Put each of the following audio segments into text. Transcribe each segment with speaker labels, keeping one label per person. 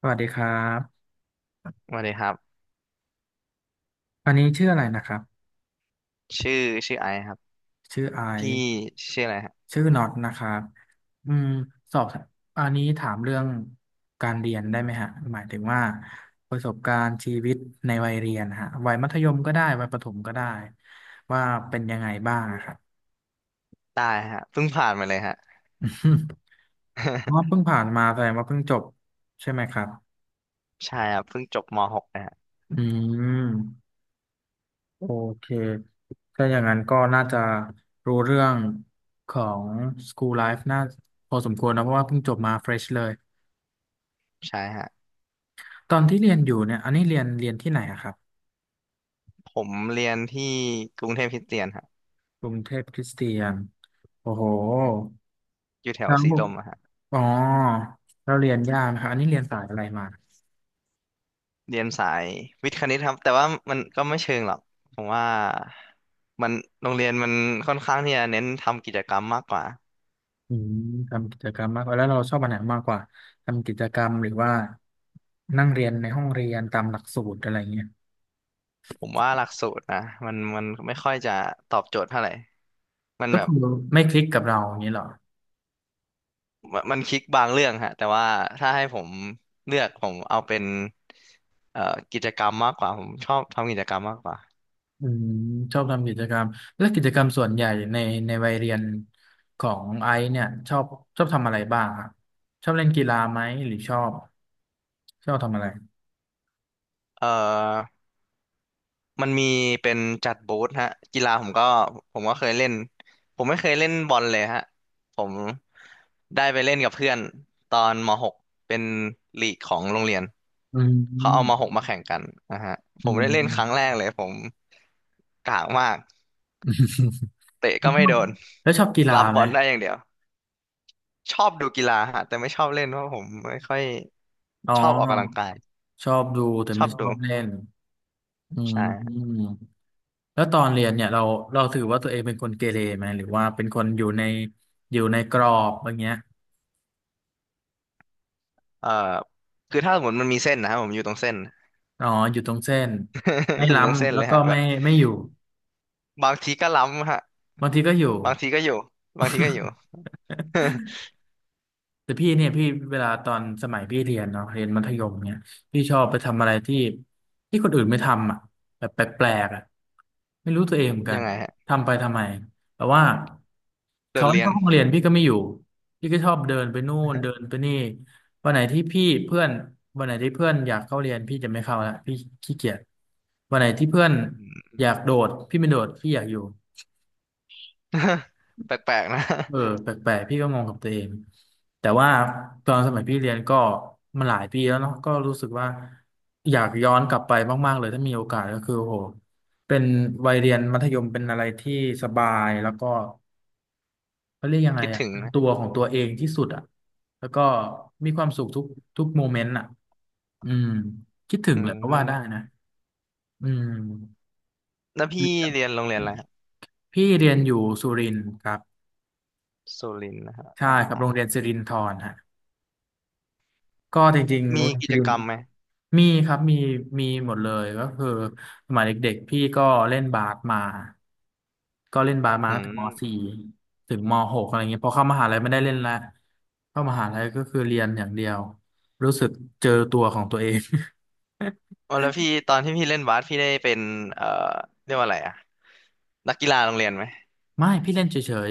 Speaker 1: สวัสดีครับ
Speaker 2: สวัสดีครับ
Speaker 1: อันนี้ชื่ออะไรนะครับ
Speaker 2: ชื่อชื่อไอซ์ครับ
Speaker 1: ชื่อไอ
Speaker 2: พี่
Speaker 1: ซ์
Speaker 2: ชื่ออะไรฮะ
Speaker 1: ชื่อน็อตนะครับอืมสอบอันนี้ถามเรื่องการเรียนได้ไหมฮะหมายถึงว่าประสบการณ์ชีวิตในวัยเรียนฮะวัยมัธยมก็ได้วัยประถมก็ได้ว่าเป็นยังไงบ้างอะครับ
Speaker 2: ได้ฮะเพิ่งผ่านมาเลยฮะ
Speaker 1: เพราะ ว่าเพิ่งผ่านมาแสดงว่าเพิ่งจบใช่ไหมครับ
Speaker 2: ใช่ครับเพิ่งจบม .6 นะฮะ
Speaker 1: อืม โอเคถ้าอย่างนั้นก็น่าจะรู้เรื่องของ School Life น่าพอสมควรนะเพราะว่าเพิ่งจบมา fresh เลย
Speaker 2: ใช่ฮะ
Speaker 1: ตอนที่เรียนอยู่เนี่ยอันนี้เรียนที่ไหนอะครับ
Speaker 2: ผมเรียนที่กรุงเทพคริสเตียนฮะ
Speaker 1: กรุงเทพคริสเตียนโอ้โห
Speaker 2: อยู่แถว
Speaker 1: แล้
Speaker 2: สี
Speaker 1: ว
Speaker 2: ลมอะฮะ
Speaker 1: อ๋อเราเรียนยากนะครับอันนี้เรียนสายอะไรมา
Speaker 2: เรียนสายวิทย์คณิตครับแต่ว่ามันก็ไม่เชิงหรอกผมว่ามันโรงเรียนมันค่อนข้างที่จะเน้นทำกิจกรรมมากกว่า
Speaker 1: อืมทำกิจกรรมมากกว่าแล้วเราชอบอันไหนมากกว่าทำกิจกรรมหรือว่านั่งเรียนในห้องเรียนตามหลักสูตรอะไรเงี้ย
Speaker 2: ผมว่าหลักสูตรนะมันไม่ค่อยจะตอบโจทย์เท่าไหร่มัน
Speaker 1: ก็
Speaker 2: แบบ
Speaker 1: คือไม่คลิกกับเราอย่างนี้เหรอ
Speaker 2: มันคลิกบางเรื่องฮะแต่ว่าถ้าให้ผมเลือกผมเอาเป็นเอ่อกิจกรรมมากกว่าผมชอบทำกิจกรรมมากกว่า
Speaker 1: อืมชอบทำกิจกรรมและกิจกรรมส่วนใหญ่ในวัยเรียนของไอซ์เนี่ยชอบชอบทำอะไรบ้างครับชอบเล่นกีฬาไหมหรือชอบชอบทำอะไร
Speaker 2: เอ่อมันมีเป็นจัดบูธฮะกีฬาผมก็เคยเล่นผมไม่เคยเล่นบอลเลยฮะผมได้ไปเล่นกับเพื่อนตอนมหกเป็นลีกของโรงเรียน
Speaker 1: อื
Speaker 2: เขาเอาม
Speaker 1: ม
Speaker 2: .6 มาแข่งกันนะฮะผ
Speaker 1: อื
Speaker 2: มได้เล่นครั้งแร
Speaker 1: ม
Speaker 2: กเลยผมกากมากเตะก็ไม่โดน
Speaker 1: แล้วชอบกีฬา
Speaker 2: รับบ
Speaker 1: ไหม
Speaker 2: อลได้อย่างเดียว ชอบดูกีฬาฮะแต่ไม่ชอบเล่นเพราะผมไม่ค่อย
Speaker 1: อ๋
Speaker 2: ชอบออกกำลัง
Speaker 1: อ
Speaker 2: กาย
Speaker 1: ชอบดูแต่
Speaker 2: ชอ
Speaker 1: ไม่
Speaker 2: บ
Speaker 1: ชอ
Speaker 2: ดู
Speaker 1: บเล่นอืมอื
Speaker 2: ใช่
Speaker 1: มแล้วตอนเรียนเนี่ยเราถือว่าตัวเองเป็นคนเกเรไหมหรือว่าเป็นคนอยู่ในอยู่ในกรอบอย่างเงี้ย
Speaker 2: เอ่อคือถ้าสมมติมันมีเส้นนะฮะบผมอยู่ตรงเส้น
Speaker 1: อ๋ออยู่ตรงเส้นไม่
Speaker 2: อยู่ตรงเส้น
Speaker 1: ล้ำแล้
Speaker 2: เล
Speaker 1: ว
Speaker 2: ย
Speaker 1: ก็
Speaker 2: ฮะแบ
Speaker 1: ไม่
Speaker 2: บ
Speaker 1: ไม่อยู่
Speaker 2: บางทีก็ล้ำฮะ
Speaker 1: บางทีก็อยู่
Speaker 2: บางทีก็อยู่บางทีก็อยู่
Speaker 1: แต่พี่เนี่ยพี่เวลาตอนสมัยพี่เรียนเนาะเรียนมัธยมเนี่ยพี่ชอบไปทำอะไรที่คนอื่นไม่ทำอ่ะแบบแปลกๆอ่ะไม่รู้ตัวเองเหมือนกั
Speaker 2: ยั
Speaker 1: น
Speaker 2: งไงฮะ
Speaker 1: ทำไปทำไมแต่ว่า
Speaker 2: โด
Speaker 1: เขา
Speaker 2: ด
Speaker 1: ให้
Speaker 2: เรียน
Speaker 1: เข้าห้องเรียนพี่ก็ไม่อยู่พี่ก็ชอบเดินไปนู่นเดิน ไปนี่วันไหนที่พี่เพื่อนวันไหนที่เพื่อนอยากเข้าเรียนพี่จะไม่เข้าละพี่ขี้เกียจวันไหนที่เพื่อน
Speaker 2: อืม
Speaker 1: อยากโดดพี่ไม่โดดพี่อยากอยู่
Speaker 2: แปลกๆนะ
Speaker 1: เออแปลกๆพี่ก็งงกับตัวเองแต่ว่าตอนสมัยพี่เรียนก็มันหลายปีแล้วเนาะก็รู้สึกว่าอยากย้อนกลับไปมากๆเลยถ้ามีโอกาสก็คือโอ้โหเป็นวัยเรียนมัธยมเป็นอะไรที่สบายแล้วก็เขาเรียกยัง ไง
Speaker 2: คิด
Speaker 1: อ่ะ
Speaker 2: ถึง
Speaker 1: เป็น
Speaker 2: นะ
Speaker 1: ตัวของตัวเองที่สุดอ่ะแล้วก็มีความสุขทุกโมเมนต์อ่ะอืมคิดถึ
Speaker 2: อื
Speaker 1: งเลยเพราะว่าได้
Speaker 2: ม
Speaker 1: นะอืม
Speaker 2: แล้วพี่เรียนโรงเรียนอะไรฮะ
Speaker 1: พี่เรียนอยู่สุรินทร์ครับ
Speaker 2: สุรินทร์นะฮะ
Speaker 1: ใช่
Speaker 2: อ๋อ
Speaker 1: ครับโรงเรียนสิรินธรฮะก็จริงๆโร
Speaker 2: มี
Speaker 1: งเรียน
Speaker 2: กิ
Speaker 1: สิ
Speaker 2: จ
Speaker 1: ริน
Speaker 2: กรรมไหม
Speaker 1: มีครับมีมีหมดเลยก็คือสมัยเด็กๆพี่ก็เล่นบาสมาก็เล่นบาสมา
Speaker 2: อื
Speaker 1: ตั้งแต่ม .4
Speaker 2: ม
Speaker 1: ถึงม .6 อะไรเงี้ยพอเข้ามหาลัยไม่ได้เล่นละเข้ามหาลัยก็คือเรียนอย่างเดียวรู้สึกเจอตัวของตัวเอง
Speaker 2: อ๋อแล้วพี่ตอนที่พี่เล่นบาสพี่ได้เป็นเอ่อเรียกว่าอะไรอะนักกีฬาโรงเรียนไหม
Speaker 1: ไม่พี่เล่นเฉย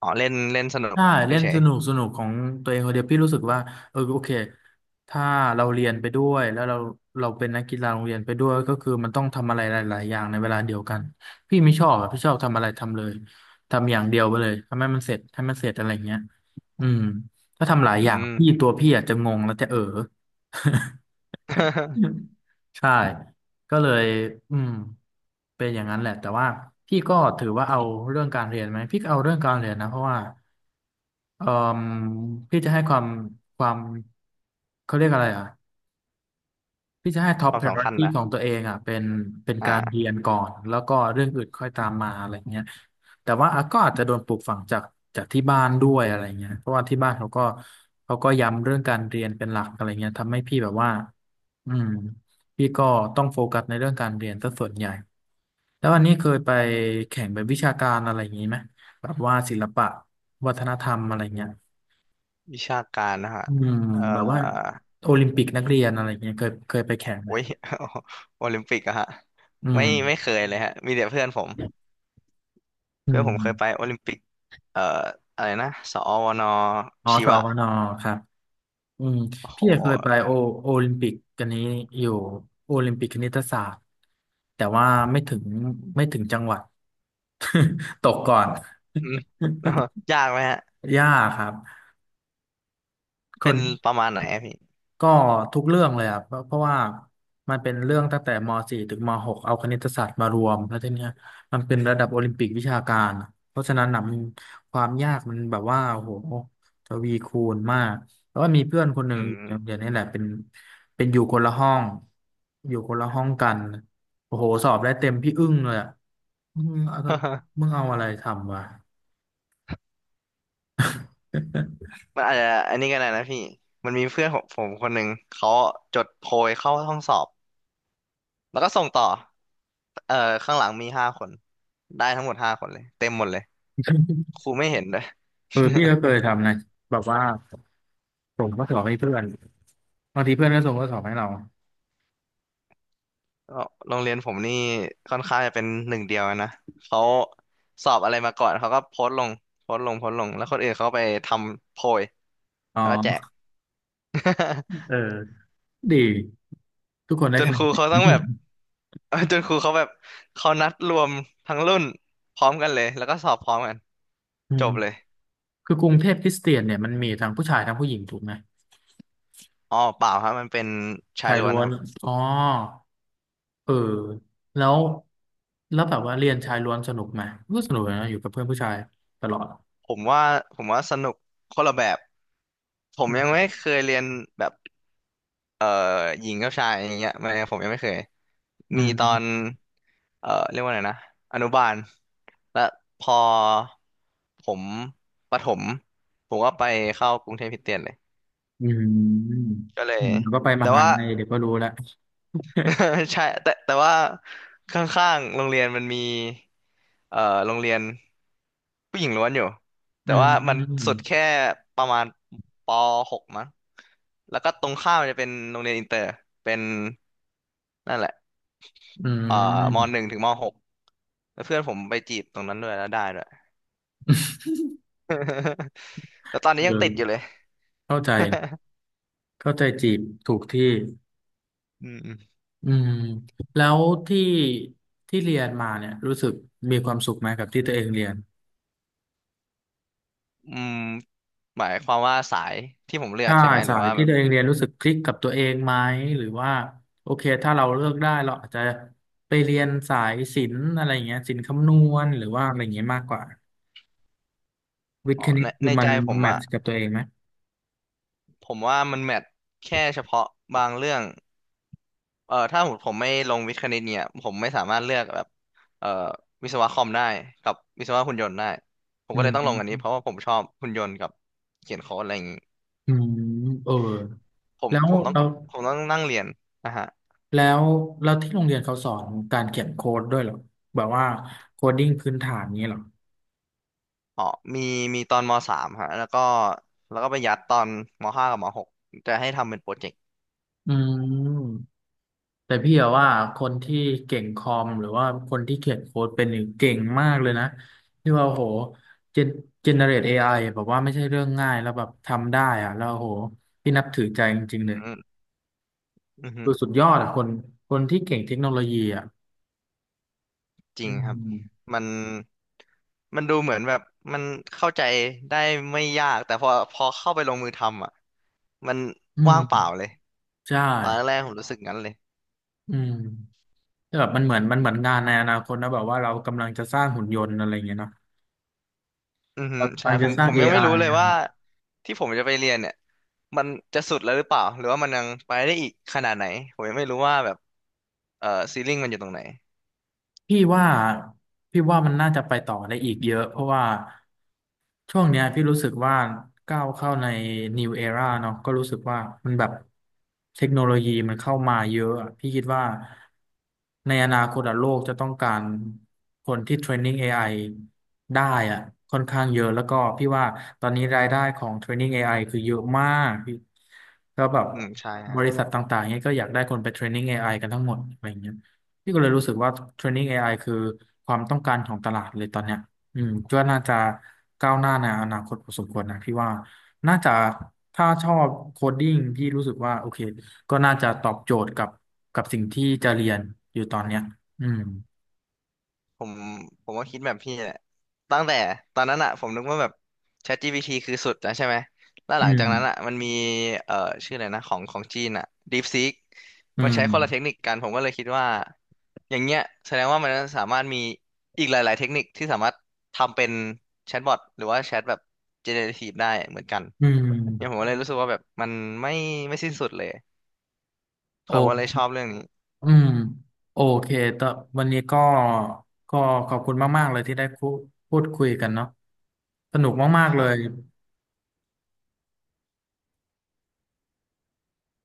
Speaker 2: อ๋อเล่นเล่นสนุก
Speaker 1: ใช่เล่น
Speaker 2: เฉ
Speaker 1: ส
Speaker 2: ย
Speaker 1: นุกสนุกของตัวเองคนเดียวพี่รู้สึกว่าเออโอเคถ้าเราเรียนไปด้วยแล้วเราเป็นนักกีฬาโรงเรียนไปด้วยก็คือมันต้องทำอะไรหลายๆอย่างในเวลาเดียวกันพี่ไม่ชอบอะพี่ชอบทำอะไรทำเลยทำอย่างเดียวไปเลยทำให้มันเสร็จให้มันเสร็จอะไรอย่างเงี้ยอืมถ้าทำห
Speaker 2: ๆ
Speaker 1: ลา
Speaker 2: อื
Speaker 1: ยอย่าง
Speaker 2: ม
Speaker 1: พี่ตัวพี่อาจจะงงแล้วจะเออ ใช่ก็เลยอืมเป็นอย่างนั้นแหละแต่ว่าพี่ก็ถือว่าเอาเรื่องการเรียนไหมพี่ก็เอาเรื่องการเรียนนะเพราะว่า เอ่มพี่จะให้ความความเขาเรียกอะไรอ่ะพี่จะให้ top
Speaker 2: ควา
Speaker 1: p
Speaker 2: ม
Speaker 1: r ออ
Speaker 2: สำ
Speaker 1: ร r
Speaker 2: คัญ
Speaker 1: ตี้
Speaker 2: นะ
Speaker 1: ขอ
Speaker 2: ฮะ
Speaker 1: งตัวเองอ่ะเป็นเป็นการเรี
Speaker 2: อ่า
Speaker 1: ยนก่อนแล้วก็เรื่องอื่นค่อยตามมาอะไรเงี้ยแต่ว่าอ่ะก็อาจจะโดนปลูกฝังจากที่บ้านด้วยอะไรเงี้ยเพราะว่าที่บ้านเขาก็เขาก็ย้ำเรื่องการเรียนเป็นหลักอะไรเงี้ยทำให้พี่แบบว่าอืมพี่ก็ต้องโฟกัสในเรื่องการเรียนซะส่วนใหญ่แล้ววันนี้เคยไปแข่งเป็นวิชาการอะไรอย่างนี้ไหมแบบว่าศิลปะวัฒนธรรมอะไรเงี้ย
Speaker 2: วิชาการนะฮะ
Speaker 1: อืม
Speaker 2: เอ่
Speaker 1: แบบว่า
Speaker 2: อ
Speaker 1: โอลิมปิกนักเรียนอะไรเงี้ยเคยเคยไป
Speaker 2: โ
Speaker 1: แข่งไหม
Speaker 2: อ้ย โอลิมปิกอะฮะ
Speaker 1: อื
Speaker 2: ไม่
Speaker 1: ม
Speaker 2: ไม่เคยเลยฮะมีแต่เพื่อนผม
Speaker 1: อื
Speaker 2: เพื่อนผมเคยไป
Speaker 1: ม
Speaker 2: โอลิมปิกเอ่ออะไรนะสอวน
Speaker 1: อ๋อ
Speaker 2: ชี
Speaker 1: สอ
Speaker 2: วะ
Speaker 1: วนอครับอืม
Speaker 2: โอ้โห
Speaker 1: พี่เคยไปโอโอลิมปิกกันนี้อยู่โอลิมปิกคณิตศาสตร์แต่ว่าไม่ถึงไม่ถึงจังหวัด ตกก่อน
Speaker 2: อืม ยากไหมฮะ
Speaker 1: ยากครับค
Speaker 2: เป็
Speaker 1: น
Speaker 2: นประมาณไหนอะพี่
Speaker 1: ก็ทุกเรื่องเลยอ่ะเพราะเพราะว่ามันเป็นเรื่องตั้งแต่ม .4 ถึงม .6 เอาคณิตศาสตร์มารวมแล้วทีเนี้ยมันเป็นระดับโอลิมปิกวิชาการเพราะฉะนั้นนะมันความยากมันแบบว่าโอ้โหทวีคูณมากแล้วก็มีเพื่อนคนหนึ่
Speaker 2: อื
Speaker 1: งอยู่
Speaker 2: ม
Speaker 1: ในโรงเรียนนี่แหละเป็นอยู่คนละห้องอยู่คนละห้องกันโอ้โหสอบได้เต็มพี่อึ้งเลยอ่ะมึงเอามึ งเอาอะไรทำวะ
Speaker 2: มันอาจจะอันนี้ก็ได้นะพี่มันมีเพื่อนของผมคนหนึ่งเขาจดโพยเข้าห้องสอบ แล้วก็ส่งต่อเอ่อข้างหลังมีห้าคนได้ทั้งหมดห้าคนเลยเต็มหมดเลยค รูไม่เห็นเลย
Speaker 1: เออพี่ก็เคยทำนะแบบว่าส่งข้อสอบให้เพื่อนบางทีเพื่อนก็ส่งข้อสอบให้เรา
Speaker 2: ก็โรงเรียนผมนี่ค่อนข้างจะเป็นหนึ่งเดียวนะเขาสอบอะไรมาก่อน เขาก็โพสต์ลงโพสต์ลงแล้วคนอื่นเขาไปทำโพย
Speaker 1: อ๋
Speaker 2: แล้วก็แจก
Speaker 1: อเออ ดีทุกคนได้
Speaker 2: จน
Speaker 1: คะแน
Speaker 2: ค
Speaker 1: น
Speaker 2: รู
Speaker 1: เต็
Speaker 2: เขาต้องแบ
Speaker 1: ม
Speaker 2: บ จนครูเขาแบบเขานัดรวมทั้งรุ่นพร้อมกันเลยแล้วก็สอบพร้อมกัน
Speaker 1: อื
Speaker 2: จ
Speaker 1: ม
Speaker 2: บเลย
Speaker 1: คือกรุงเทพคริสเตียนเนี่ยมันมีทั้งผู้ชายทั้งผู้หญิงถูกไหม
Speaker 2: อ๋อเปล่าครับมันเป็นชาย
Speaker 1: ชาย
Speaker 2: ล้วน
Speaker 1: ล้ว
Speaker 2: ค
Speaker 1: น
Speaker 2: รับ
Speaker 1: อ๋อเออแล้วแล้วแบบว่าเรียนชายล้วนสนุกไหมก็สนุกนะอยู่กับเพื่อนผู้ชายตลอด
Speaker 2: ผมว่าผมว่าสนุกคนละแบบผมยังไม่เคยเรียนแบบเอ่อหญิงกับชายอย่างเงี้ยไม่ผมยังไม่เคย
Speaker 1: อื
Speaker 2: มีตอน
Speaker 1: ม
Speaker 2: เรียกว่าไงนะอนุบาลและพอผมประถมผมก็ไปเข้ากรุงเทพคริสเตียนเลย
Speaker 1: อืม
Speaker 2: ก็เล
Speaker 1: อื
Speaker 2: ย
Speaker 1: มแล้วก็ไปม
Speaker 2: แต่
Speaker 1: หา
Speaker 2: ว่า
Speaker 1: ลัยเดี๋ยวก็รู้แล้ว
Speaker 2: ใช่แต่ว่าข้างๆโรงเรียนมันมีเอ่อโรงเรียนผู้หญิงล้วนอยู่
Speaker 1: อื
Speaker 2: แต่ว่ามันสุ
Speaker 1: ม
Speaker 2: ดแค่ประมาณป .6 มั้งแล้วก็ตรงข้ามมันจะเป็นโรงเรียนอินเตอร์เป็นนั่นแหละ
Speaker 1: อื
Speaker 2: เอ่อม
Speaker 1: ม
Speaker 2: .1 ถึงม .6 แล้วเพื่อนผมไปจีบตรงนั้นด้วยแล้วได้ด้วย แล้วตอนนี้
Speaker 1: เอ
Speaker 2: ยัง
Speaker 1: อ
Speaker 2: ติดอยู่เลย
Speaker 1: เข้าใจนะเข้าใจจีบถูกที่
Speaker 2: อืม
Speaker 1: อืมแล้วที่ที่เรียนมาเนี่ยรู้สึกมีความสุขไหมกับที่ตัวเองเรียน
Speaker 2: อืมหมายความว่าสายที่ผมเลือ
Speaker 1: ใช่
Speaker 2: กใช่ไหมหรื
Speaker 1: สา
Speaker 2: อ
Speaker 1: ย
Speaker 2: ว่า
Speaker 1: ที่
Speaker 2: แบบ
Speaker 1: ตัวเองเรียนรู้สึกคลิกกับตัวเองไหมหรือว่าโอเคถ้าเราเลือกได้เราอาจจะไปเรียนสายศิลป์อะไรอย่างเงี้ยศิลป์คำนวณหรือว่าอะไรอย่างเงี้ยมากกว่าวิท
Speaker 2: อ๋อ
Speaker 1: ย์คณิต
Speaker 2: ใน
Speaker 1: คื
Speaker 2: ใน
Speaker 1: อมั
Speaker 2: ใจ
Speaker 1: น
Speaker 2: ผม
Speaker 1: แมท
Speaker 2: อ่ะ
Speaker 1: ช์กับตัวเองไหม
Speaker 2: ผมว่ามันแมทแค่เฉพาะบางเรื่องถ้าผมไม่ลงวิทย์คณิตเนี่ยผมไม่สามารถเลือกแบบเอ่อวิศวะคอมได้กับวิศวะหุ่นยนต์ได้ผม
Speaker 1: อื
Speaker 2: ก็เลยต้องลงอันนี้
Speaker 1: ม
Speaker 2: เพราะว่าผมชอบหุ่นยนต์กับเขียนโค้ดอะไรอย่างนี้
Speaker 1: อืมเออ
Speaker 2: ผม
Speaker 1: แล้ว
Speaker 2: ผมต้อง
Speaker 1: เรา
Speaker 2: ผมต้องนั่งเรียนนะฮะ
Speaker 1: แล้วแล้วที่โรงเรียนเขาสอนการเขียนโค้ดด้วยเหรอแบบว่าโคดดิ้งพื้นฐานนี้เหรอ
Speaker 2: อ๋อมีมีตอนมสามฮะแล้วก็ไปยัดตอนมห้ากับมหกจะให้ทำเป็นโปรเจกต์
Speaker 1: อืม แต่พี่อะว่าคนที่เก่งคอมหรือว่าคนที่เขียนโค้ดเป็นหนึ่งเก่งมากเลยนะที่ว่าโอ้โหเจนเจเนเรตเอไอแบบว่าไม่ใช่เรื่องง่ายแล้วแบบทำได้อะแล้วโอ้โหพี่นับถือใจจริง
Speaker 2: อื
Speaker 1: ๆเลย
Speaker 2: มอื
Speaker 1: คือสุ
Speaker 2: ม
Speaker 1: ดยอดอะคนคนที่เก่งเทคโนโลยีอะ
Speaker 2: จริ
Speaker 1: อื
Speaker 2: งครับ
Speaker 1: ม
Speaker 2: มันมันดูเหมือนแบบมันเข้าใจได้ไม่ยากแต่พอพอเข้าไปลงมือทำอ่ะมัน
Speaker 1: อื
Speaker 2: ว่างเปล่า
Speaker 1: ม
Speaker 2: เลย
Speaker 1: ใช่
Speaker 2: ตอนแรกๆผมรู้สึกงั้นเลย
Speaker 1: อืมแต่แบบมันเหมือนงานในอนาคตนะแบบว่าเรากำลังจะสร้างหุ่นยนต์อะไรอย่างเงี้ยเนาะ
Speaker 2: อือฮึ
Speaker 1: เรากำ
Speaker 2: ใช่
Speaker 1: ลัง
Speaker 2: ผ
Speaker 1: จะ
Speaker 2: ม
Speaker 1: สร้า
Speaker 2: ผ
Speaker 1: ง
Speaker 2: ม
Speaker 1: เอ
Speaker 2: ยัง
Speaker 1: ไอ
Speaker 2: ไม่รู้เลยว่าที่ผมจะไปเรียนเนี่ยมันจะสุดแล้วหรือเปล่าหรือว่ามันยังไปได้อีกขนาดไหนผมยังไม่รู้ว่าแบบเอ่อซีลิ่งมันอยู่ตรงไหน
Speaker 1: พี่ว่าพี่ว่ามันน่าจะไปต่อได้อีกเยอะเพราะว่าช่วงเนี้ยพี่รู้สึกว่าก้าวเข้าใน new era เนาะก็รู้สึกว่ามันแบบเทคโนโลยีมันเข้ามาเยอะอะพี่คิดว่าในอนาคตอะโลกจะต้องการคนที่เทรนนิ่ง AI ไอได้อะค่อนข้างเยอะแล้วก็พี่ว่าตอนนี้รายได้ของเทรนนิ่ง AI คือเยอะมากพี่ก็แบบ
Speaker 2: อืมใช่
Speaker 1: บริษัทต่างๆเนี้ยก็อยากได้คนไปเทรนนิ่ง AI กันทั้งหมดอะไรอย่างเงี้ย พี่ก็เลยรู้สึกว่า Training เทรนนิ่ง AI คือความต้องการของตลาดเลยตอนเนี้ยอืมก็น่าจะก้าวหน้าในอนาคตพอสมควรนะพี่ว่าน่าจะถ้าชอบโคดดิ้งพี่รู้สึกว่าโอเคก็น่าจะตอบโจทย์กับกับสิ่งที่จะเรียนอยู่ตอนเนี้ยอืม
Speaker 2: ผมผมก็คิดแบบพี่แหละตั้งแต่ตอนนั้นอะผมนึกว่าแบบ ChatGPT คือสุดนะใช่ไหมแล้ว
Speaker 1: อื
Speaker 2: หลังจากนั้นอะ
Speaker 1: ม
Speaker 2: มันมีเอ่อชื่ออะไรนะของของจีนอะ DeepSeek
Speaker 1: อื
Speaker 2: มันใช้คนละเทค
Speaker 1: ม
Speaker 2: นิคกันผมก็เลยคิดว่าอย่างเงี้ยแสดงว่ามันสามารถมีอีกหลายๆเทคนิคที่สามารถทำเป็นแชทบอทหรือว่าแชทแบบ generative ได้เหมือนกัน
Speaker 1: อื
Speaker 2: เนี่ยผม
Speaker 1: ม
Speaker 2: ก็เลยรู้สึกว่าแบบมันไม่ไม่สิ้นสุดเลย
Speaker 1: โอ
Speaker 2: ผมก็เลยชอบเรื่องนี้
Speaker 1: อืมโอเคแต่วันนี้ก็ก็ขอบคุณมากๆเลยที่ได้คุพูดคุยกันเนาะสนุกมาก
Speaker 2: ค
Speaker 1: ๆเล
Speaker 2: รั
Speaker 1: ย
Speaker 2: บ